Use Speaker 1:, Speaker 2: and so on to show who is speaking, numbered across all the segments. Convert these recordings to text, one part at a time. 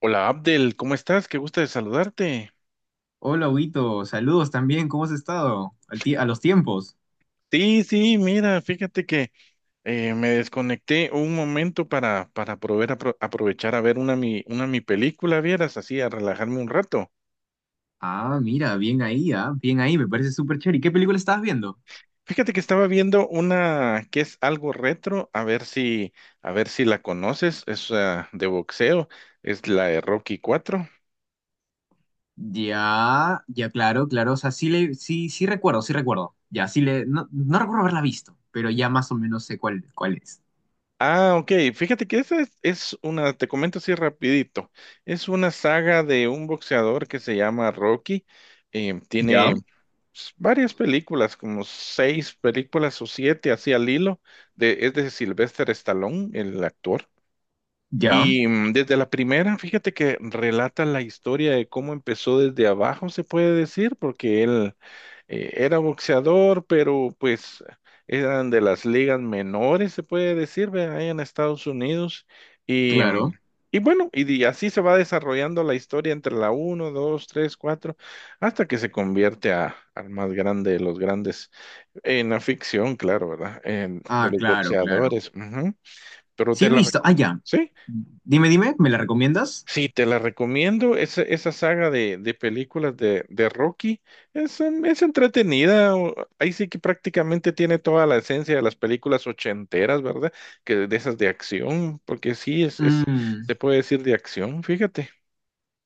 Speaker 1: Hola, Abdel, ¿cómo estás? Qué gusto de saludarte.
Speaker 2: Hola, Huguito. Saludos también. ¿Cómo has estado? A los tiempos.
Speaker 1: Sí, sí, mira, fíjate que me desconecté un momento para poder aprovechar a ver una mi película, vieras, así, a relajarme un rato.
Speaker 2: Ah, mira, bien ahí, ah, bien ahí. Me parece súper chévere. ¿Y qué película estabas viendo?
Speaker 1: Fíjate que estaba viendo una que es algo retro, a ver si la conoces, es de boxeo, es la de Rocky cuatro.
Speaker 2: Ya, ya, claro, claro. O sea, sí, le, sí, sí recuerdo, sí recuerdo. Ya, sí le... No, no recuerdo haberla visto, pero ya más o menos sé cuál, cuál es.
Speaker 1: Ok, fíjate que esa es una, te comento así rapidito, es una saga de un boxeador que se llama Rocky. Tiene
Speaker 2: Ya,
Speaker 1: varias películas, como seis películas o siete, así al hilo, es de Sylvester Stallone, el actor.
Speaker 2: ya,
Speaker 1: Y desde la primera, fíjate que relata la historia de cómo empezó desde abajo, se puede decir, porque él era boxeador, pero pues eran de las ligas menores, se puede decir, ve, ahí en Estados Unidos. Y, mm,
Speaker 2: claro.
Speaker 1: y bueno, así se va desarrollando la historia entre la uno, 2, 3, 4, hasta que se convierte al más grande de los grandes, en la ficción, claro, ¿verdad? De
Speaker 2: Ah,
Speaker 1: los
Speaker 2: claro, claro.
Speaker 1: boxeadores. Ujú. Pero
Speaker 2: Sí
Speaker 1: te
Speaker 2: he
Speaker 1: la
Speaker 2: visto. Ah,
Speaker 1: recomiendo.
Speaker 2: ya. Dime, dime, ¿me la recomiendas?
Speaker 1: Sí, te la recomiendo. Esa saga de películas de Rocky es entretenida. Ahí sí que prácticamente tiene toda la esencia de las películas ochenteras, ¿verdad? Que de esas de acción, porque sí,
Speaker 2: Mm.
Speaker 1: te puede decir de acción, fíjate.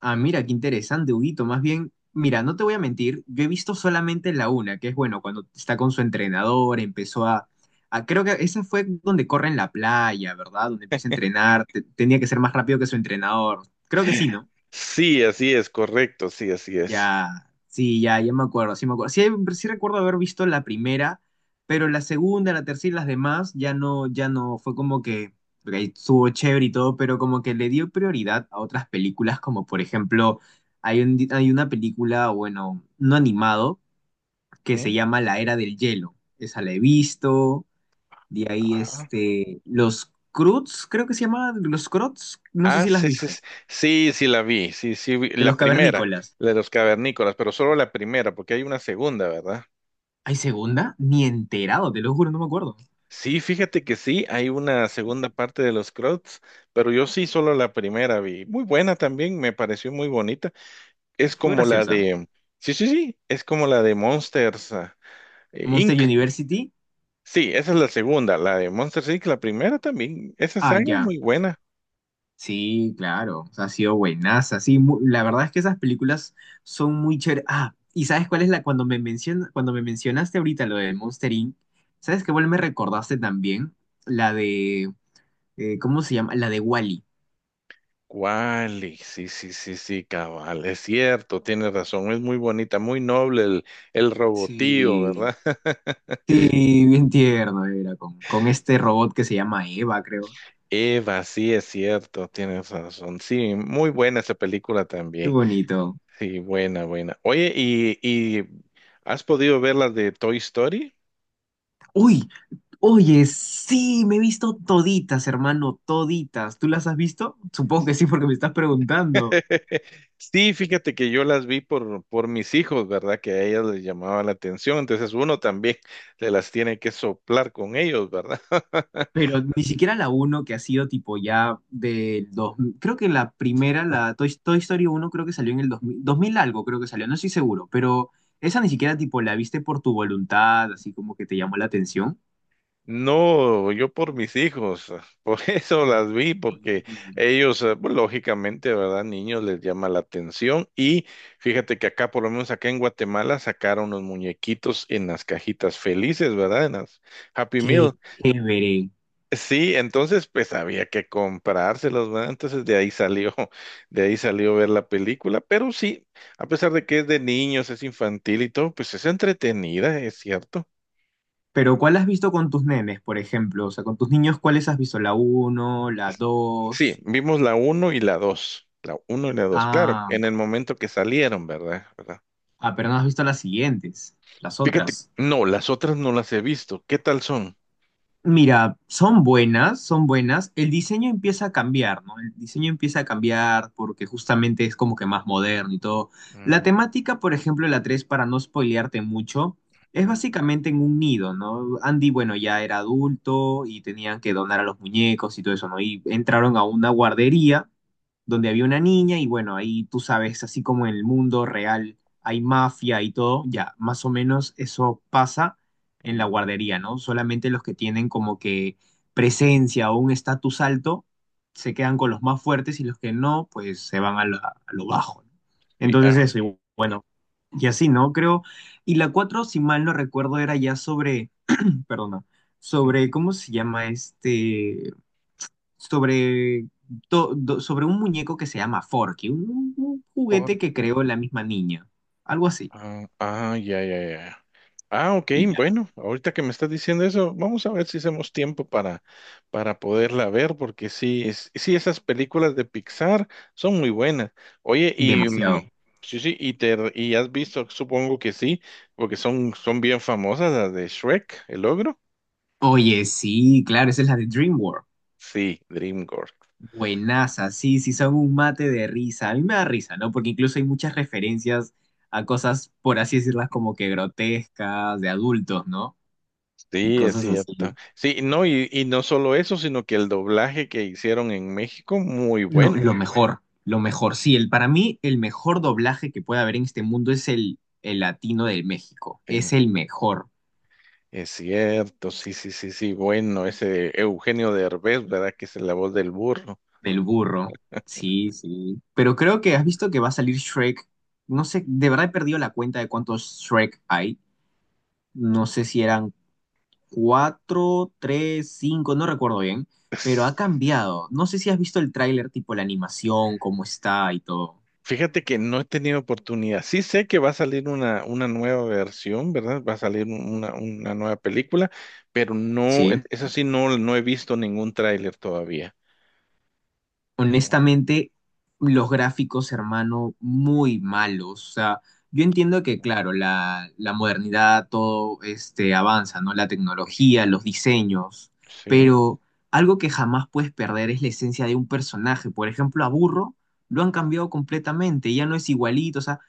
Speaker 2: Ah, mira, qué interesante, Huguito. Más bien, mira, no te voy a mentir, yo he visto solamente la una, que es bueno, cuando está con su entrenador, empezó a, creo que esa fue donde corre en la playa, ¿verdad? Donde empieza a entrenar, tenía que ser más rápido que su entrenador. Creo que sí, ¿no?
Speaker 1: Sí, así es, correcto, sí, así es.
Speaker 2: Ya, sí, ya, ya me acuerdo. Sí, sí recuerdo haber visto la primera, pero la segunda, la tercera y las demás ya no, ya no, fue como que, ok, estuvo chévere y todo, pero como que le dio prioridad a otras películas, como por ejemplo, hay una película, bueno, no animado, que se
Speaker 1: ¿Mm?
Speaker 2: llama La Era del Hielo. Esa la he visto, de ahí
Speaker 1: Ah.
Speaker 2: este, Los Croods, creo que se llama, Los Croods, no sé si la has
Speaker 1: Sí, sí,
Speaker 2: visto,
Speaker 1: sí, sí, sí la vi, sí, sí,
Speaker 2: de
Speaker 1: la
Speaker 2: los
Speaker 1: primera,
Speaker 2: cavernícolas.
Speaker 1: la de los cavernícolas, pero solo la primera, porque hay una segunda, ¿verdad?
Speaker 2: ¿Hay segunda? Ni enterado, te lo juro, no me acuerdo.
Speaker 1: Sí, fíjate que sí, hay una segunda parte de los Croats, pero yo sí solo la primera vi. Muy buena también, me pareció muy bonita. Es
Speaker 2: Fue
Speaker 1: como la
Speaker 2: graciosa.
Speaker 1: de, sí, sí, sí, es como la de Monsters
Speaker 2: Monster
Speaker 1: Inc.
Speaker 2: University.
Speaker 1: Sí, esa es la segunda, la de Monsters Inc. La primera también, esa
Speaker 2: Ah,
Speaker 1: saga es
Speaker 2: ya.
Speaker 1: muy buena.
Speaker 2: Sí, claro. O sea, ha sido buenaza. Sí, la verdad es que esas películas son muy chéveres. Ah, ¿y sabes cuál es la cuando me mencionaste ahorita lo de Monster Inc? ¿Sabes qué cuál me recordaste también? La de ¿cómo se llama? La de Wall-E.
Speaker 1: ¿Cuál? Sí, sí, sí, sí, cabal, es cierto, tienes razón, es muy bonita, muy noble el robotío,
Speaker 2: Sí.
Speaker 1: ¿verdad?
Speaker 2: Sí, bien tierno era con este robot que se llama Eva, creo.
Speaker 1: Eva, sí, es cierto, tienes razón. Sí, muy buena esa película
Speaker 2: Qué
Speaker 1: también.
Speaker 2: bonito.
Speaker 1: Sí, buena, buena. Oye, ¿y has podido ver las de Toy Story?
Speaker 2: Uy, oye, sí, me he visto toditas, hermano, toditas. ¿Tú las has visto? Supongo que sí, porque me estás preguntando.
Speaker 1: Sí, fíjate que yo las por mis hijos, ¿verdad? Que a ellas les llamaba la atención. Entonces uno también se las tiene que soplar con ellos, ¿verdad?
Speaker 2: Pero ni siquiera la uno que ha sido tipo ya del 2000. Creo que la primera, la Toy, Toy Story uno, creo que salió en el dos mil algo, creo que salió, no estoy seguro. Pero esa ni siquiera tipo la viste por tu voluntad, así como que te llamó la atención.
Speaker 1: No, yo por mis hijos, por eso las vi, porque
Speaker 2: Increíble.
Speaker 1: pues, lógicamente, ¿verdad? Niños les llama la atención y fíjate que acá, por lo menos acá en Guatemala, sacaron los muñequitos en las cajitas felices, ¿verdad? En las Happy
Speaker 2: Qué
Speaker 1: Meal.
Speaker 2: chévere.
Speaker 1: Sí, entonces pues había que comprárselos, ¿verdad? Entonces de ahí salió, de ahí salió ver la película, pero sí, a pesar de que es de niños, es infantil y todo, pues es entretenida, es cierto.
Speaker 2: Pero ¿cuál has visto con tus nenes, por ejemplo? O sea, con tus niños, ¿cuáles has visto? ¿La uno, la
Speaker 1: Sí,
Speaker 2: dos?
Speaker 1: vimos la uno y la dos. La uno y la dos, claro,
Speaker 2: Ah,
Speaker 1: en el momento que salieron, ¿verdad? ¿Verdad?
Speaker 2: ah, pero no has visto las siguientes, las
Speaker 1: Fíjate,
Speaker 2: otras.
Speaker 1: no, las otras no las he visto. ¿Qué tal son?
Speaker 2: Mira, son buenas, son buenas. El diseño empieza a cambiar, ¿no? El diseño empieza a cambiar porque justamente es como que más moderno y todo. La temática, por ejemplo, la 3, para no spoilearte mucho, es
Speaker 1: Ujú,
Speaker 2: básicamente en un nido, ¿no? Andy, bueno, ya era adulto y tenían que donar a los muñecos y todo eso, ¿no? Y entraron a una guardería donde había una niña y bueno, ahí tú sabes, así como en el mundo real hay mafia y todo, ya, más o menos eso pasa en la
Speaker 1: ujú.
Speaker 2: guardería, ¿no? Solamente los que tienen como que presencia o un estatus alto se quedan con los más fuertes y los que no, pues se van a a lo bajo, ¿no?
Speaker 1: Sí, ah,
Speaker 2: Entonces eso, y bueno, y así, ¿no? Creo, y la 4 si mal no recuerdo, era ya sobre, perdona, sobre,
Speaker 1: ujú.
Speaker 2: ¿cómo se llama este? Sobre, sobre un muñeco que se llama Forky, un
Speaker 1: ¿Por
Speaker 2: juguete que
Speaker 1: qué?
Speaker 2: creó la misma niña, algo así,
Speaker 1: Ah, ah, ya, ya, ya. Ah, ok,
Speaker 2: y ya,
Speaker 1: bueno, ahorita que me estás diciendo eso, vamos a ver si hacemos tiempo para poderla ver, porque sí, sí, esas películas de Pixar son muy buenas. Oye,
Speaker 2: demasiado.
Speaker 1: sí, sí, y has visto, supongo que sí, porque son bien famosas las de Shrek, el ogro.
Speaker 2: Oye, sí, claro, esa es la de DreamWorks.
Speaker 1: Sí, DreamWorks.
Speaker 2: Buenaza, sí, sí, son un mate de risa. A mí me da risa, ¿no? Porque incluso hay muchas referencias a cosas, por así decirlas, como que grotescas, de adultos, ¿no? Y
Speaker 1: Sí, es
Speaker 2: cosas
Speaker 1: cierto.
Speaker 2: así.
Speaker 1: Sí, no, y no solo eso, sino que el doblaje que hicieron en México, muy
Speaker 2: No,
Speaker 1: bueno.
Speaker 2: lo mejor, sí, el, para mí el mejor doblaje que puede haber en este mundo es el latino del México. Es el mejor.
Speaker 1: Es cierto, sí, sí, sí, sí. Bueno, ese Eugenio Derbez, ¿verdad? Que es la voz del burro.
Speaker 2: Del burro. Sí, sí. Pero creo que has visto que va a salir Shrek. No sé, de verdad he perdido la cuenta de cuántos Shrek hay. No sé si eran cuatro, tres, cinco, no recuerdo bien. Pero
Speaker 1: Es-
Speaker 2: ha cambiado. No sé si has visto el tráiler, tipo la animación, cómo está y todo.
Speaker 1: Fíjate que no he tenido oportunidad. Sí sé que va a salir una nueva versión, ¿verdad? Va a salir una nueva película, pero no,
Speaker 2: Sí.
Speaker 1: eso sí, no he visto ningún tráiler todavía. No,
Speaker 2: Honestamente, los gráficos, hermano, muy malos. O sea, yo entiendo que, claro, la modernidad, todo este avanza, ¿no? La tecnología, los diseños,
Speaker 1: sí.
Speaker 2: pero algo que jamás puedes perder es la esencia de un personaje. Por ejemplo, a Burro lo han cambiado completamente, ya no es igualito, o sea,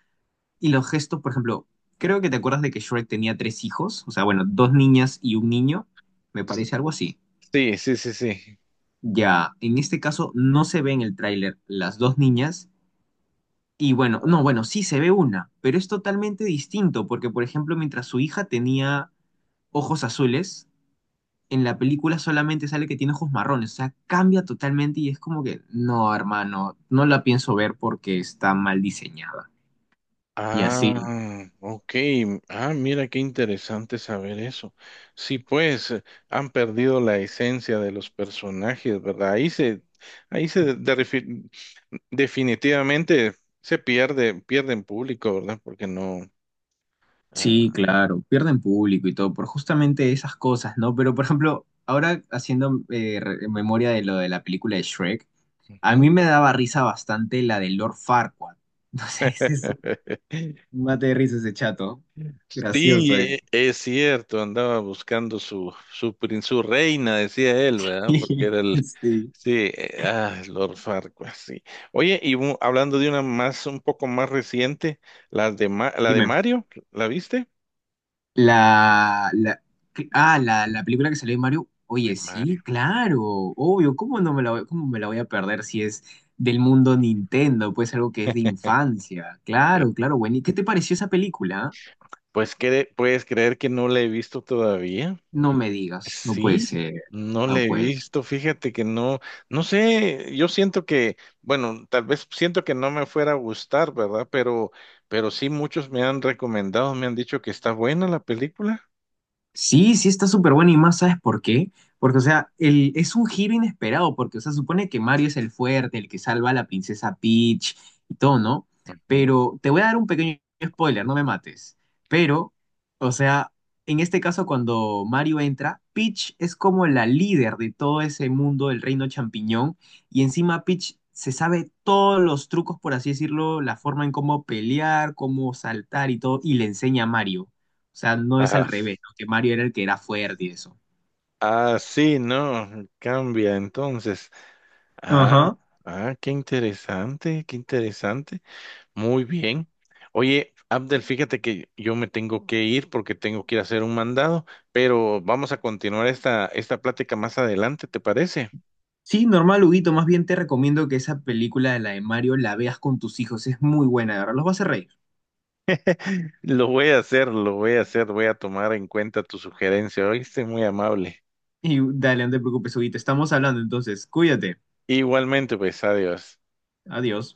Speaker 2: y los gestos, por ejemplo, creo que te acuerdas de que Shrek tenía tres hijos, o sea, bueno, dos niñas y un niño, me parece algo así.
Speaker 1: Sí, sí, sí, sí.
Speaker 2: Ya, en este caso no se ve en el tráiler las dos niñas y bueno, no, bueno, sí se ve una, pero es totalmente distinto, porque por ejemplo, mientras su hija tenía ojos azules, en la película solamente sale que tiene ojos marrones, o sea, cambia totalmente y es como que, no, hermano, no la pienso ver porque está mal diseñada. Y
Speaker 1: Ah,
Speaker 2: así,
Speaker 1: ok. Ah, mira qué interesante saber eso. Sí, pues han perdido la esencia de los personajes, ¿verdad? Ahí se definitivamente se pierde, pierden público, ¿verdad? Porque no.
Speaker 2: sí,
Speaker 1: Ah,
Speaker 2: claro, pierden público y todo por justamente esas cosas, ¿no? Pero por ejemplo, ahora haciendo memoria de lo de la película de Shrek, a
Speaker 1: ujú.
Speaker 2: mí me daba risa bastante la de Lord Farquaad. No sé, mate de risa ese chato.
Speaker 1: Sí,
Speaker 2: Gracioso era.
Speaker 1: es cierto, andaba buscando su reina, decía él, ¿verdad? Porque era el.
Speaker 2: Sí.
Speaker 1: Sí, Lord Farquaad, sí. Oye, y hablando de una más, un poco más reciente, la de
Speaker 2: Dime.
Speaker 1: Mario, ¿la viste?
Speaker 2: La, ¿qué? Ah, la película que salió de Mario.
Speaker 1: De
Speaker 2: Oye,
Speaker 1: Mario.
Speaker 2: sí, claro, obvio. ¿Cómo no me la voy, cómo me la voy a perder si es del mundo Nintendo? Pues algo que es de infancia.
Speaker 1: Eh,
Speaker 2: Claro, claro, bueno. ¿Y qué te pareció esa película?
Speaker 1: Pues, ¿puedes creer que no la he visto todavía?
Speaker 2: No me digas. No puede
Speaker 1: Sí,
Speaker 2: ser.
Speaker 1: no
Speaker 2: No
Speaker 1: le he
Speaker 2: puede.
Speaker 1: visto, fíjate que no, no sé, yo siento que, bueno, tal vez siento que no me fuera a gustar, ¿verdad? Pero sí muchos me han recomendado, me han dicho que está buena la película.
Speaker 2: Sí, sí está súper bueno y más, ¿sabes por qué? Porque, o sea, el, es un giro inesperado, porque, o sea, supone que Mario es el fuerte, el que salva a la princesa Peach y todo, ¿no?
Speaker 1: Ujú.
Speaker 2: Pero te voy a dar un pequeño spoiler, no me mates. Pero, o sea, en este caso, cuando Mario entra, Peach es como la líder de todo ese mundo del reino champiñón y encima Peach se sabe todos los trucos, por así decirlo, la forma en cómo pelear, cómo saltar y todo, y le enseña a Mario. O sea, no es al
Speaker 1: Ajá.
Speaker 2: revés, ¿no? Que Mario era el que era fuerte y eso.
Speaker 1: Ah, sí, no, cambia entonces. Ah,
Speaker 2: Ajá.
Speaker 1: ah, qué interesante, qué interesante. Muy bien. Oye, Abdel, fíjate que yo me tengo que ir porque tengo que ir a hacer un mandado, pero vamos a continuar esta plática más adelante, ¿te parece?
Speaker 2: Sí, normal, Huguito, más bien te recomiendo que esa película de la de Mario la veas con tus hijos, es muy buena, de verdad, los vas a hacer reír.
Speaker 1: Lo voy a hacer, lo voy a hacer, voy a tomar en cuenta tu sugerencia, ¿oíste? Muy amable.
Speaker 2: Y dale, no te preocupes, Huguito, estamos hablando entonces, cuídate,
Speaker 1: Igualmente, pues, adiós.
Speaker 2: adiós.